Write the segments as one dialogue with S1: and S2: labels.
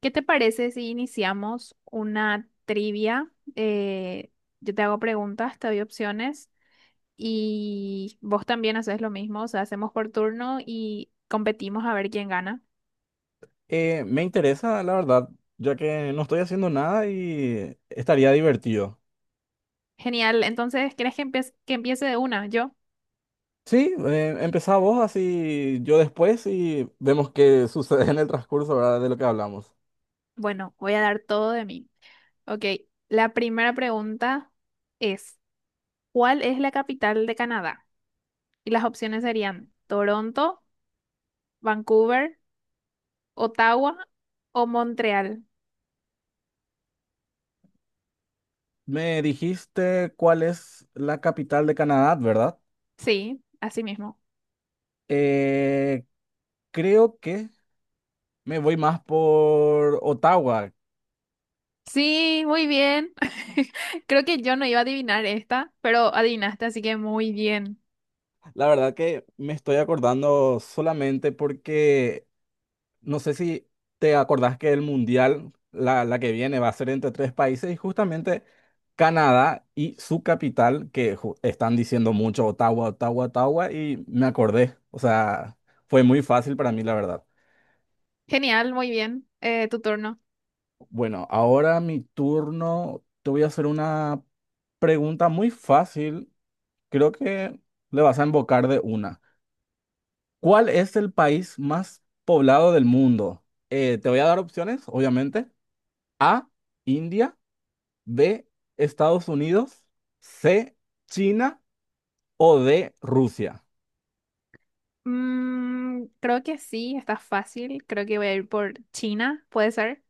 S1: ¿Qué te parece si iniciamos una trivia? Eh, yo te hago preguntas, te doy opciones y vos también haces lo mismo, o sea, hacemos por turno y competimos a ver quién gana.
S2: Me interesa, la verdad, ya que no estoy haciendo nada y estaría divertido.
S1: Genial, entonces, ¿quieres que empiece de una? Yo,
S2: Sí, empezá vos así yo después y vemos qué sucede en el transcurso, ¿verdad? De lo que hablamos.
S1: bueno, voy a dar todo de mí. Ok, la primera pregunta es, ¿cuál es la capital de Canadá? Y las opciones serían Toronto, Vancouver, Ottawa o Montreal.
S2: Me dijiste cuál es la capital de Canadá, ¿verdad?
S1: Sí, así mismo.
S2: Eh, Creo que me voy más por Ottawa.
S1: Sí, muy bien. Creo que yo no iba a adivinar esta, pero adivinaste, así que muy bien.
S2: La verdad que me estoy acordando solamente porque no sé si te acordás que el mundial, la que viene, va a ser entre tres países y justamente Canadá y su capital, que están diciendo mucho Ottawa, Ottawa, Ottawa, y me acordé. O sea, fue muy fácil para mí, la verdad.
S1: Genial, muy bien. Tu turno.
S2: Bueno, ahora mi turno, te voy a hacer una pregunta muy fácil. Creo que le vas a embocar de una. ¿Cuál es el país más poblado del mundo? Te voy a dar opciones, obviamente. A, India. B, Estados Unidos. C, China. O D, Rusia.
S1: Mm, creo que sí, está fácil. Creo que voy a ir por China, puede ser.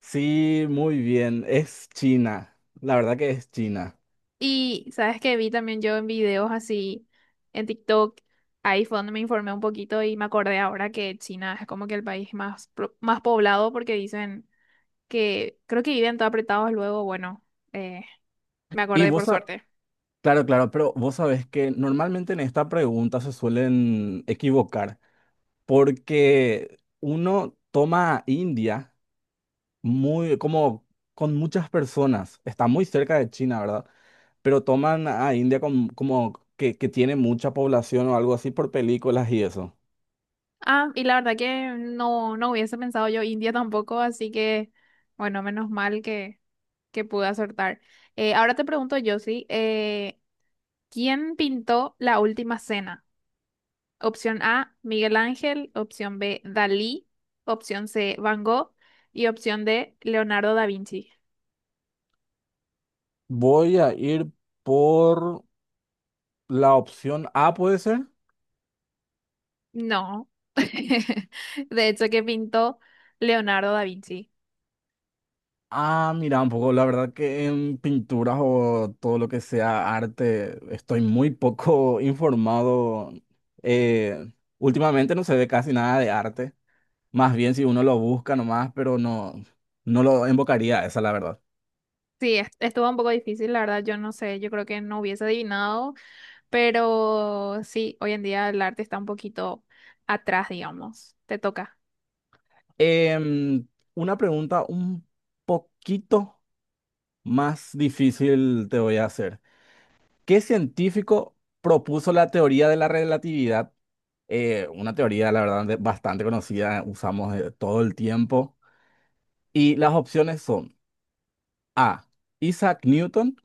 S2: Sí, muy bien, es China. La verdad que es China.
S1: Y sabes que vi también yo en videos así en TikTok, ahí fue donde me informé un poquito y me acordé ahora que China es como que el país más, más poblado porque dicen que creo que viven todos apretados luego. Bueno, eh, me
S2: Y
S1: acordé
S2: vos,
S1: por suerte.
S2: claro, claro, pero vos sabés que normalmente en esta pregunta se suelen equivocar porque uno toma a India muy, como con muchas personas, está muy cerca de China, ¿verdad? Pero toman a India como que tiene mucha población o algo así por películas y eso.
S1: Ah, y la verdad que no, no hubiese pensado yo India tampoco, así que, bueno, menos mal que pude acertar. Ahora te pregunto yo, sí, ¿quién pintó la última cena? Opción A, Miguel Ángel, opción B, Dalí, opción C, Van Gogh y opción D, Leonardo da Vinci.
S2: Voy a ir por la opción A, ¿puede ser?
S1: No, de hecho que pintó Leonardo da Vinci.
S2: Ah, mira, un poco, la verdad que en pinturas o todo lo que sea arte estoy muy poco informado. Eh, Últimamente no se ve casi nada de arte. Más bien si uno lo busca nomás, pero no, no lo invocaría a esa, la verdad.
S1: Sí, estuvo un poco difícil, la verdad, yo no sé, yo creo que no hubiese adivinado. Pero sí, hoy en día el arte está un poquito atrás, digamos. Te toca.
S2: Em, una pregunta un poquito más difícil te voy a hacer. ¿Qué científico propuso la teoría de la relatividad? Una teoría, la verdad, bastante conocida, usamos todo el tiempo. Y las opciones son A, Isaac Newton.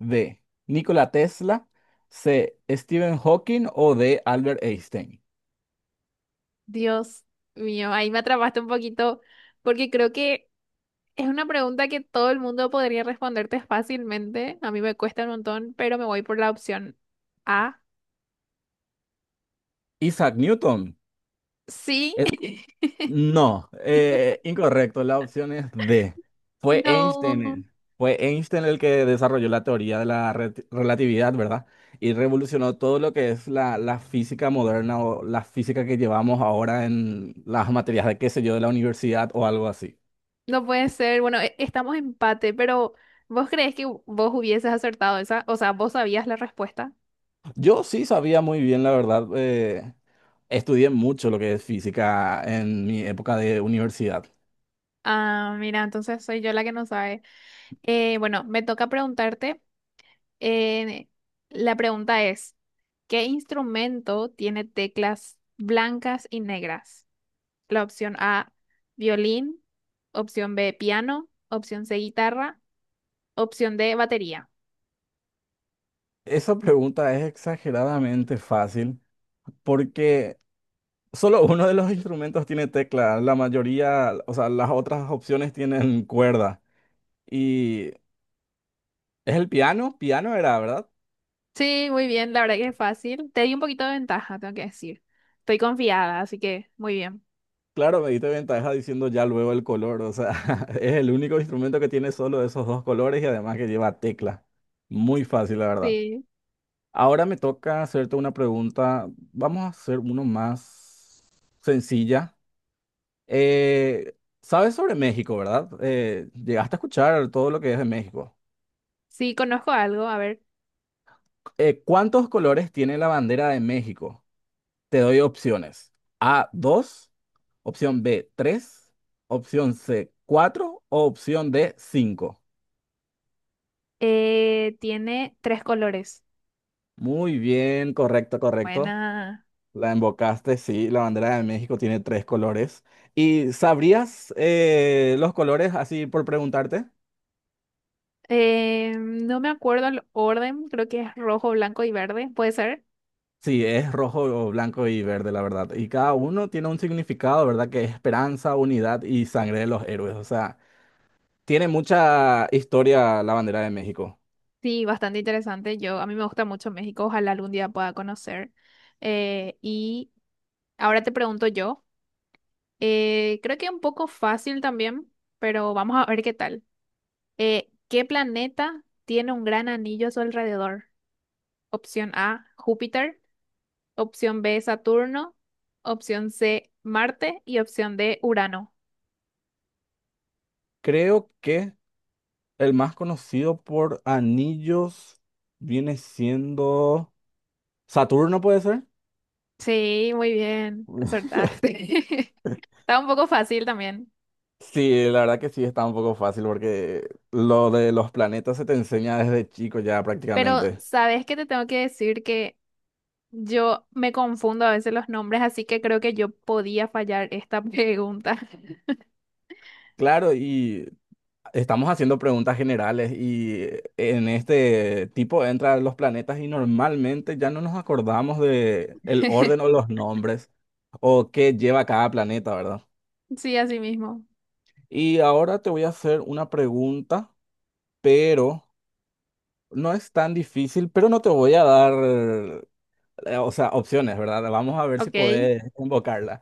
S2: B, Nikola Tesla. C, Stephen Hawking. O D, Albert Einstein.
S1: Dios mío, ahí me atrapaste un poquito porque creo que es una pregunta que todo el mundo podría responderte fácilmente. A mí me cuesta un montón, pero me voy por la opción A.
S2: Isaac Newton.
S1: Sí,
S2: No, incorrecto. La opción es D. Fue
S1: no,
S2: Einstein, fue Einstein el que desarrolló la teoría de la relatividad, ¿verdad? Y revolucionó todo lo que es la física moderna o la física que llevamos ahora en las materias de, qué sé yo, de la universidad o algo así.
S1: no puede ser. Bueno, estamos empate, pero ¿vos crees que vos hubieses acertado esa? O sea, ¿vos sabías la respuesta?
S2: Yo sí sabía muy bien, la verdad. Estudié mucho lo que es física en mi época de universidad.
S1: Ah, mira, entonces soy yo la que no sabe. Bueno, me toca preguntarte. Eh, la pregunta es, ¿qué instrumento tiene teclas blancas y negras? La opción A, violín, opción B, piano, opción C, guitarra, opción D, batería.
S2: Esa pregunta es exageradamente fácil porque... Solo uno de los instrumentos tiene tecla, la mayoría, o sea, las otras opciones tienen cuerda. Y es el piano, piano era, ¿verdad?
S1: Sí, muy bien, la verdad que es fácil. Te di un poquito de ventaja, tengo que decir. Estoy confiada, así que muy bien.
S2: Claro, me diste ventaja diciendo ya luego el color, o sea, es el único instrumento que tiene solo esos dos colores y además que lleva tecla. Muy fácil, la verdad.
S1: Sí,
S2: Ahora me toca hacerte una pregunta, vamos a hacer uno más sencilla. Eh, ¿Sabes sobre México, verdad? Llegaste a escuchar todo lo que es de México.
S1: sí, conozco algo, a ver.
S2: ¿Cuántos colores tiene la bandera de México? Te doy opciones. A, dos. Opción B, tres. Opción C, cuatro. O opción D, 5.
S1: Tiene 3 colores.
S2: Muy bien, correcto, correcto.
S1: Buena.
S2: La embocaste, sí, la bandera de México tiene tres colores. ¿Y sabrías los colores así por preguntarte?
S1: No me acuerdo el orden, creo que es rojo, blanco y verde, ¿puede ser?
S2: Sí, es rojo, blanco y verde, la verdad. Y cada uno tiene un significado, ¿verdad? Que es esperanza, unidad y sangre de los héroes. O sea, tiene mucha historia la bandera de México.
S1: Sí, bastante interesante. Yo, a mí me gusta mucho México, ojalá algún día pueda conocer. Y ahora te pregunto yo, creo que un poco fácil también, pero vamos a ver qué tal. ¿Qué planeta tiene un gran anillo a su alrededor? Opción A, Júpiter, opción B, Saturno, opción C, Marte y opción D, Urano.
S2: Creo que el más conocido por anillos viene siendo Saturno, ¿puede ser?
S1: Sí, muy bien, acertaste. Estaba un poco fácil también.
S2: Sí, la verdad que sí, está un poco fácil porque lo de los planetas se te enseña desde chico ya
S1: Pero
S2: prácticamente.
S1: sabes que te tengo que decir que yo me confundo a veces los nombres, así que creo que yo podía fallar esta pregunta.
S2: Claro, y estamos haciendo preguntas generales y en este tipo entran los planetas y normalmente ya no nos acordamos de el orden o los nombres o qué lleva cada planeta, ¿verdad?
S1: Sí, así mismo.
S2: Y ahora te voy a hacer una pregunta, pero no es tan difícil, pero no te voy a dar, o sea, opciones, ¿verdad? Vamos a ver si
S1: Ok.
S2: podés invocarla.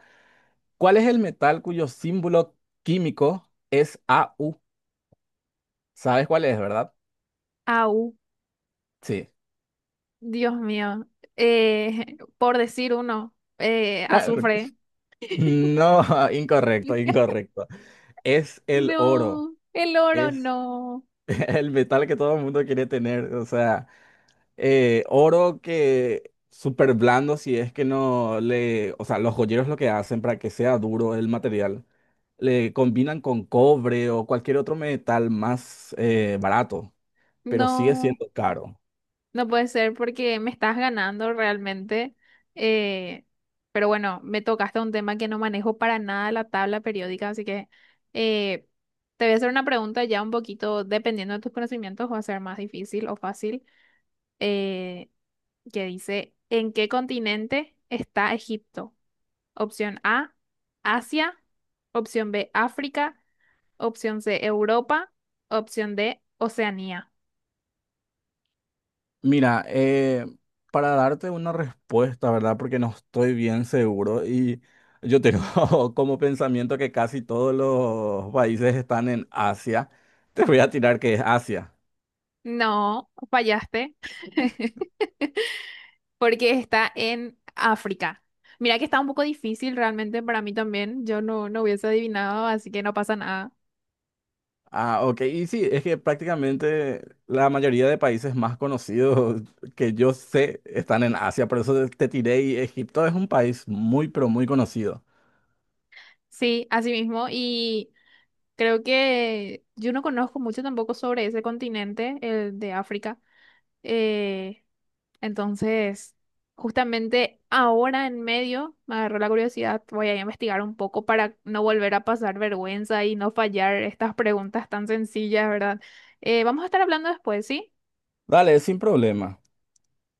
S2: ¿Cuál es el metal cuyo símbolo químico es AU? ¿Sabes cuál es, verdad?
S1: Au,
S2: Sí.
S1: Dios mío. Por decir uno, azufre.
S2: No, incorrecto, incorrecto. Es el oro,
S1: No, el oro
S2: es
S1: no.
S2: el metal que todo el mundo quiere tener. O sea, oro que súper blando si es que no le... O sea, los joyeros lo que hacen para que sea duro el material, le combinan con cobre o cualquier otro metal más barato, pero sigue
S1: No.
S2: siendo caro.
S1: No puede ser porque me estás ganando realmente. eh, pero bueno, me tocaste un tema que no manejo para nada la tabla periódica, así que eh, te voy a hacer una pregunta ya un poquito, dependiendo de tus conocimientos, va a ser más difícil o fácil, eh, que dice, ¿en qué continente está Egipto? Opción A, Asia. Opción B, África. Opción C, Europa. Opción D, Oceanía.
S2: Mira, para darte una respuesta, ¿verdad? Porque no estoy bien seguro y yo tengo como pensamiento que casi todos los países están en Asia. Te voy a tirar que es Asia.
S1: No, fallaste. Porque está en África. Mira que está un poco difícil realmente para mí también. Yo no, no hubiese adivinado, así que no pasa nada.
S2: Ah, ok. Y sí, es que prácticamente la mayoría de países más conocidos que yo sé están en Asia. Por eso te tiré y Egipto es un país muy, pero muy conocido.
S1: Sí, así mismo. Y creo que yo no conozco mucho tampoco sobre ese continente, el de África. Eh, entonces, justamente ahora en medio me agarró la curiosidad. Voy a investigar un poco para no volver a pasar vergüenza y no fallar estas preguntas tan sencillas, ¿verdad? Vamos a estar hablando después, ¿sí?
S2: Dale, sin problema.